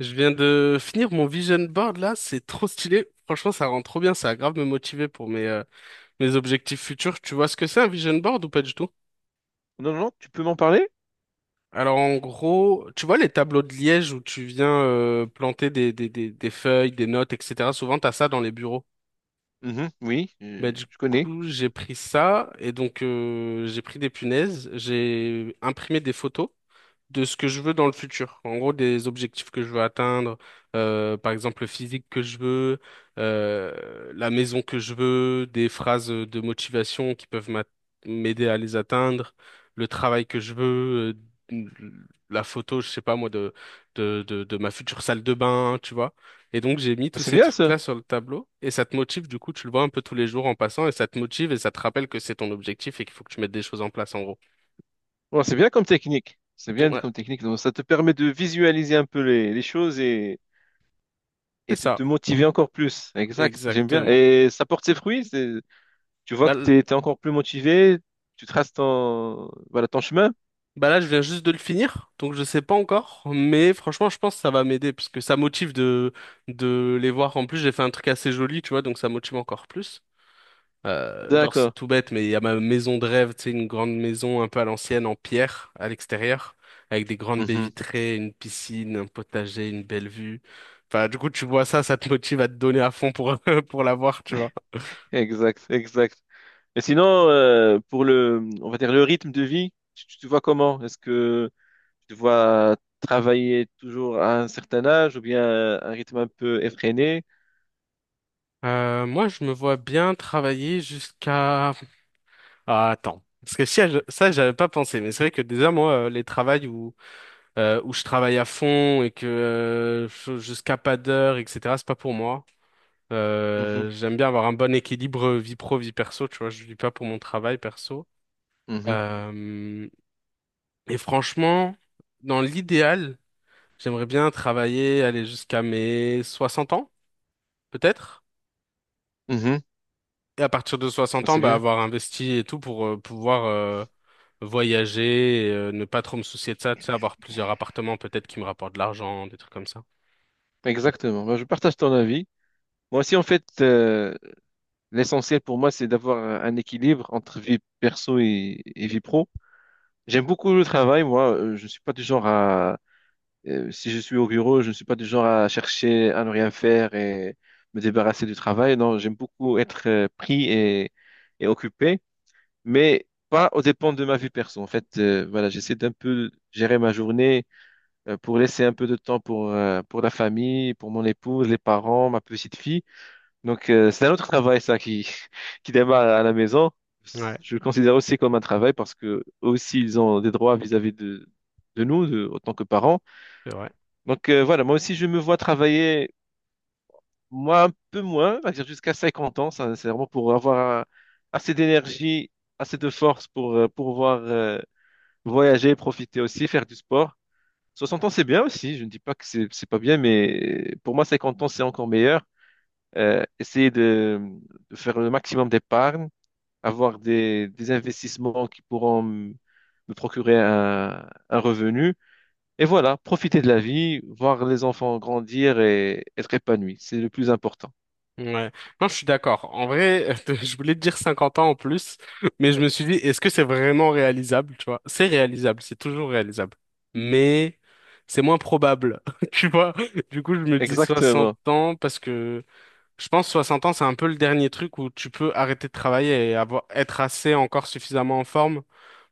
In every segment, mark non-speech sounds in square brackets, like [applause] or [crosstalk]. Je viens de finir mon vision board là, c'est trop stylé. Franchement, ça rend trop bien, ça a grave me motiver pour mes, mes objectifs futurs. Tu vois ce que c'est un vision board ou pas du tout? Non, non, non, tu peux m'en parler? Alors en gros, tu vois les tableaux de liège où tu viens planter des feuilles, des notes, etc. Souvent, t'as ça dans les bureaux. Mhm, oui, Bah, du je connais. coup, j'ai pris ça et donc j'ai pris des punaises, j'ai imprimé des photos de ce que je veux dans le futur. En gros, des objectifs que je veux atteindre, par exemple le physique que je veux, la maison que je veux, des phrases de motivation qui peuvent m'aider à les atteindre, le travail que je veux, euh, la photo, je sais pas moi, de, de ma future salle de bain, tu vois. Et donc j'ai mis tous C'est ces bien ça. trucs-là sur le tableau et ça te motive, du coup, tu le vois un peu tous les jours en passant et ça te motive et ça te rappelle que c'est ton objectif et qu'il faut que tu mettes des choses en place en gros. Bon, c'est bien comme technique. C'est bien Ouais, comme technique. Donc, ça te permet de visualiser un peu les choses c'est et de ça, te motiver encore plus. Exact, j'aime bien. exactement. Et ça porte ses fruits. Tu vois Bah, que tu l- es encore plus motivé. Tu traces ton, voilà, ton chemin. Bah là, je viens juste de le finir, donc je sais pas encore, mais franchement, je pense que ça va m'aider parce que ça motive de les voir. En plus, j'ai fait un truc assez joli, tu vois, donc ça motive encore plus. Genre, c'est D'accord. tout bête, mais il y a ma maison de rêve, tu sais, une grande maison un peu à l'ancienne en pierre à l'extérieur, avec des grandes baies Mhm. vitrées, une piscine, un potager, une belle vue. Enfin, du coup, tu vois ça, ça te motive à te donner à fond pour [laughs] pour l'avoir, tu vois. Exact, exact. Et sinon, pour le, on va dire le rythme de vie, tu te vois comment? Est-ce que Je te vois travailler toujours à un certain âge ou bien un rythme un peu effréné. Moi, je me vois bien travailler jusqu'à... Ah, attends. Parce que si, ça, j'avais pas pensé, mais c'est vrai que déjà, moi, les travails où, où je travaille à fond et que jusqu'à pas d'heure, etc., c'est pas pour moi. Mhm, J'aime bien avoir un bon équilibre vie pro, vie perso, tu vois, je vis pas pour mon travail perso. mhm, Euh, et franchement, dans l'idéal, j'aimerais bien travailler, aller jusqu'à mes 60 ans, peut-être. mhm. Et à partir de 60 ans, C'est bah, bien. avoir investi et tout pour pouvoir voyager, ne pas trop me soucier de ça, tu sais, avoir plusieurs appartements peut-être qui me rapportent de l'argent, des trucs comme ça. Exactement. Moi, je partage ton avis. Moi aussi, en fait, l'essentiel pour moi, c'est d'avoir un équilibre entre vie perso et vie pro. J'aime beaucoup le travail. Moi, je ne suis pas du genre à... si je suis au bureau, je ne suis pas du genre à chercher à ne rien faire et me débarrasser du travail. Non, j'aime beaucoup être pris et occupé. Mais pas aux dépens de ma vie perso. En fait, voilà, j'essaie d'un peu gérer ma journée pour laisser un peu de temps pour la famille, pour mon épouse, les parents, ma petite fille. Donc, c'est un autre [laughs] travail, ça, qui, [laughs] qui démarre à la maison. Ouais, Je le considère aussi comme un travail parce que eux aussi, ils ont des droits vis-à-vis de nous, de, autant que parents. c'est vrai. Donc, voilà, moi aussi, je me vois travailler, moi, un peu moins, on va dire jusqu'à 50 ans. Ça, c'est vraiment pour avoir assez d'énergie, assez de force pour pouvoir voyager, profiter aussi, faire du sport. 60 ans, c'est bien aussi. Je ne dis pas que c'est pas bien, mais pour moi, 50 ans, c'est encore meilleur. Essayer de faire le maximum d'épargne, avoir des investissements qui pourront me procurer un revenu et voilà, profiter de la vie, voir les enfants grandir et être épanoui, c'est le plus important. Ouais. Non, je suis d'accord. En vrai, [laughs] je voulais te dire 50 ans en plus, mais je me suis dit, est-ce que c'est vraiment réalisable, tu vois? C'est réalisable, c'est toujours réalisable. Mais c'est moins probable, [laughs] tu vois? Du coup, je me dis 60 Exactement, ans parce que je pense 60 ans, c'est un peu le dernier truc où tu peux arrêter de travailler et avoir, être assez encore suffisamment en forme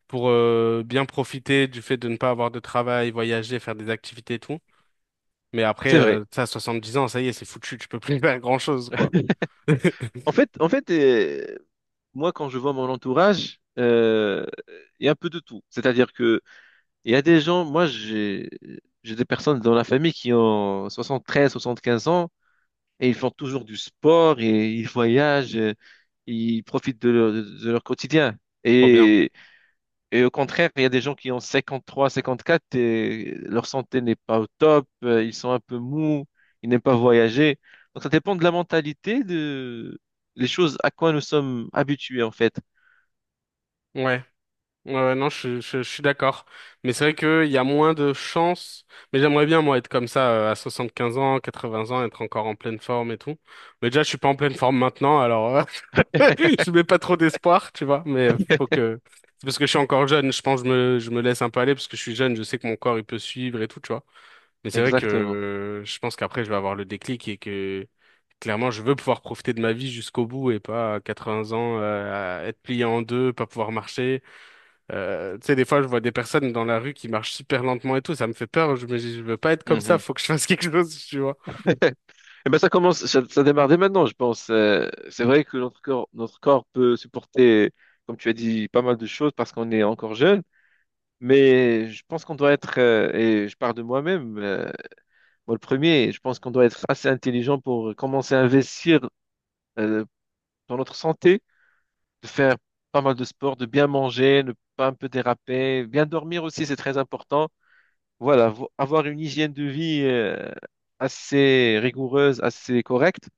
pour bien profiter du fait de ne pas avoir de travail, voyager, faire des activités et tout. Mais après, c'est vrai. Ça, 10 ans, ça y est, c'est foutu, tu peux plus [laughs] faire grand-chose, quoi. [laughs] [laughs] En fait, moi, quand je vois mon entourage, il y a un peu de tout. C'est-à-dire que il y a des gens, moi, j'ai des personnes dans la famille qui ont soixante-treize, soixante-quinze ans, et ils font toujours du sport et ils [laughs] voyagent, ils profitent de leur quotidien. Trop bien. Et, et au contraire, il y a des gens qui ont cinquante-trois, cinquante-quatre et leur santé n'est pas au top, ils sont un peu mous, ils n'aiment pas voyager. Donc ça dépend de la mentalité, de les choses à quoi nous sommes habitués en fait. Ouais. Ouais, ouais, non, je suis d'accord. Mais c'est vrai qu'il y a moins de chances. Mais j'aimerais bien, moi, être comme ça, à 15 ans, 80 ans, être encore en pleine forme et tout. Mais déjà, je suis pas en pleine forme maintenant, alors [laughs] je mets pas trop d'espoir, tu vois. Mais faut que... C'est parce que je suis encore jeune, je pense que je me laisse un peu aller, parce que je suis jeune, je sais que mon corps, il peut suivre et tout, tu vois. Mais c'est vrai que Exactement. Je pense qu'après, je vais avoir le déclic et que clairement, je veux pouvoir profiter de ma vie jusqu'au bout et pas à 80 ans à être plié en deux, pas pouvoir marcher. Tu sais, des fois, je vois des personnes dans la rue qui marchent super lentement et tout, ça me fait peur. Je me dis, je veux pas être comme ça, Mhm. faut que je [laughs] fasse quelque chose, tu vois. [laughs] Eh ben ça commence, ça démarre dès maintenant, je pense. C'est vrai que notre corps peut supporter, comme tu as dit, pas mal de choses parce qu'on est encore jeune. Mais je pense qu'on doit être, et je parle de moi-même, moi le premier, je pense qu'on doit être assez intelligent pour commencer à investir euh, dans notre santé, de faire pas mal de sport, de bien manger, ne pas un peu déraper, bien dormir aussi, c'est très important. Voilà, avoir une hygiène de vie assez rigoureuse, assez correcte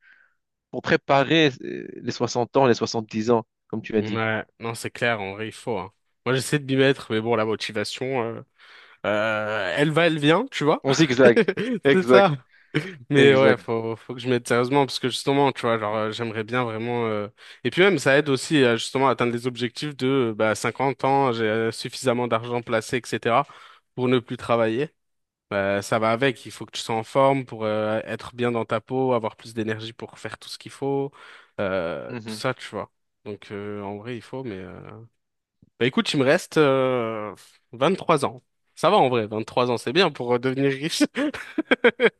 pour préparer les 60 ans, les 70 ans, comme tu as dit. Ouais, non, c'est clair, en vrai, il faut, hein. Moi, j'essaie de m'y mettre, mais bon, la motivation. Elle va, elle vient, tu vois. On zigzag. [laughs] C'est Exact. ça. Mais ouais, faut que je m'aide sérieusement parce que justement, tu vois, genre, j'aimerais bien vraiment. Et puis même, ça aide aussi à justement atteindre les objectifs de bah, 50 ans, j'ai suffisamment d'argent placé, etc. pour ne plus travailler. Bah, ça va avec, il faut que tu sois en forme pour être bien dans ta peau, avoir plus d'énergie pour faire tout ce qu'il faut, tout Mhm. ça, tu vois. Donc en vrai, il faut, mais. Bah écoute, il me reste 3 ans. Ça va en vrai, 23 ans, c'est bien pour devenir riche. [laughs]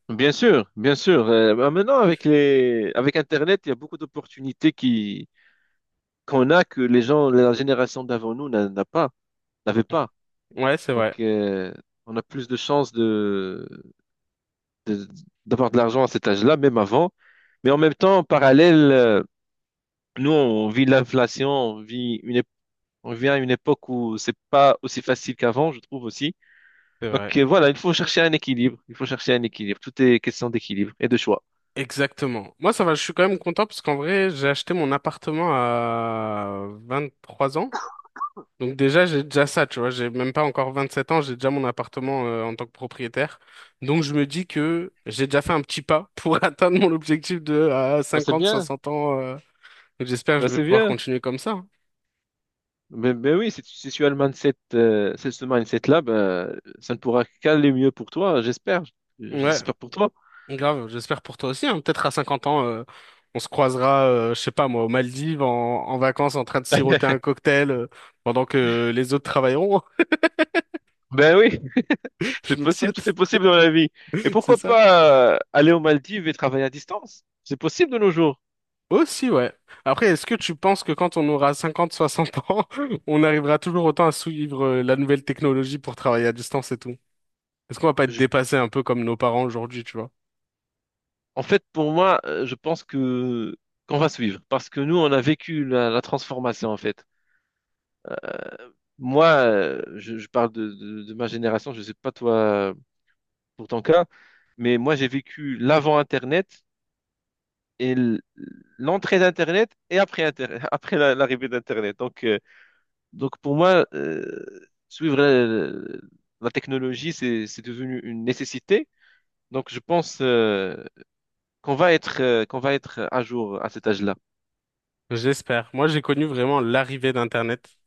Bien sûr, bien sûr. Bah, maintenant, avec les, avec Internet, il y a beaucoup d'opportunités qui qu'on a que les gens, la génération d'avant nous n'a pas, n'avait pas. Ouais, c'est Donc, vrai, on a plus de chances de, de- d'avoir de l'argent à cet âge-là, même avant. Mais en même temps, en parallèle, nous, on vit l'inflation, on vit une, on vient à une époque où c'est pas aussi facile qu'avant, je trouve aussi. c'est vrai. Donc, voilà, il faut chercher un équilibre. Il faut chercher un équilibre. Tout est question d'équilibre et de choix. Exactement. Moi, ça va, je suis quand même content parce qu'en vrai, j'ai acheté mon appartement à 23 ans. Donc déjà, j'ai déjà ça, tu vois, j'ai même pas encore 27 ans, j'ai déjà mon appartement en tant que propriétaire. Donc je me dis que j'ai déjà fait un petit pas pour [laughs] atteindre mon objectif de à Ben c'est cinquante bien. soixante ans. Donc j'espère que Ben, je vais c'est pouvoir bien. continuer comme ça, hein. Mais oui, si tu as le mindset, c'est ce mindset-là, ben, ça ne pourra qu'aller mieux pour toi, j'espère. Ouais, J'espère pour toi. grave, j'espère pour toi aussi, hein. Peut-être à 50 ans, on se croisera, je sais pas moi, aux Maldives, en vacances, en train de siroter un cocktail, pendant que les autres travailleront. Ben oui. [laughs] Je C'est nous le possible, tout est souhaite, possible dans la vie. Et c'est pourquoi ça? pas aller aux Maldives et travailler à distance? C'est possible de nos jours. Aussi, ouais. Après, est-ce que tu penses que quand on aura 50, 60 ans, [laughs] on arrivera toujours autant à suivre, la nouvelle technologie pour travailler à distance et tout? Est-ce qu'on va pas être Je- dépassé un peu comme nos parents aujourd'hui, tu vois? en fait, pour moi, je pense que qu'on va suivre parce que nous, on a vécu la, la transformation en fait. Moi, je parle de ma génération. Je sais pas toi pour ton cas, mais moi, j'ai vécu l'avant Internet et l'entrée d'Internet et après [laughs] après l'arrivée d'Internet. Donc, donc pour moi, suivre la, la technologie, c'est devenu une nécessité. Donc je pense qu'on va être à jour à cet âge-là. J'espère. Moi, j'ai connu vraiment l'arrivée d'Internet.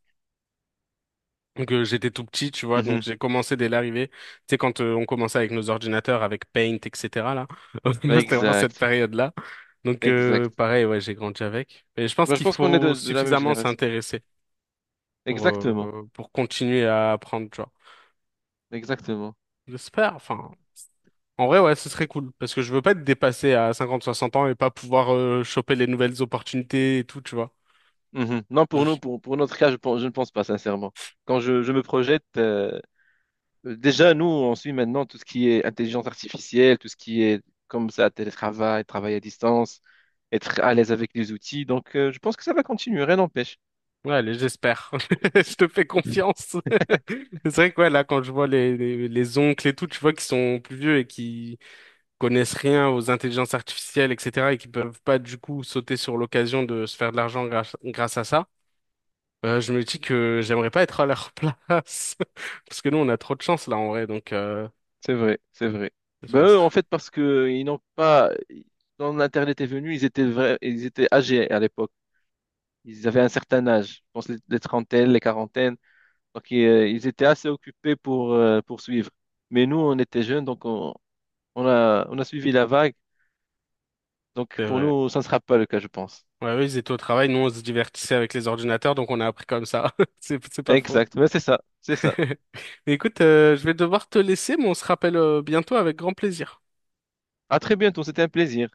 Donc, j'étais tout petit, tu vois, donc Mhm. j'ai commencé dès l'arrivée. Tu sais, quand on commençait avec nos ordinateurs, avec Paint, etc., là. [laughs] Moi, c'était vraiment cette Exact, période-là. Donc, exact. pareil, ouais, j'ai grandi avec. Et je pense Moi, je qu'il pense qu'on est faut de la même suffisamment génération. s'intéresser Exactement, pour continuer à apprendre, tu vois. exactement. J'espère, enfin. En vrai, ouais, ce serait cool. Parce que je veux pas être dépassé à 50-60 ans et pas pouvoir choper les nouvelles opportunités et tout, tu vois. Mhm. Non, pour nous, pour notre cas, je pense, je ne pense pas sincèrement. Quand je me projette, euh, déjà, nous, on suit maintenant tout ce qui est intelligence artificielle, tout ce qui est comme ça, télétravail, travail à distance, être à l'aise avec les outils. Donc, je pense que ça va continuer, rien n'empêche. Ouais, allez, j'espère. [laughs] Je te fais confiance. [laughs] C'est vrai que ouais, là, quand je vois les oncles et tout, tu vois, qui sont plus vieux et qui connaissent rien aux intelligences artificielles, etc., et qui peuvent pas, du coup, sauter sur l'occasion de se faire de l'argent grâce à ça, je me dis que j'aimerais pas être à leur [laughs] place. Parce que nous, on a trop de chance, là, en vrai, donc, C'est vrai, c'est vrai. Ben, j'espère eux, ça. en fait, parce que ils n'ont pas, quand l'Internet est venu, ils étaient ils étaient âgés à l'époque. Ils avaient un certain âge, je pense les trentaines, les quarantaines. Donc, ils, ils étaient assez occupés pour suivre. Mais nous, on était jeunes, on a suivi la vague. Donc, C'est pour vrai. nous, ça ne sera pas le cas, je pense. Ouais, ouais, oui, ils étaient au travail, nous, on se divertissait avec les ordinateurs, donc on a appris comme ça. [laughs] C'est pas faux. Exact, mais c'est ça, c'est ça. [laughs] Mais écoute, je vais devoir te laisser, mais on se rappelle bientôt avec grand plaisir. À très bientôt, c'était un plaisir.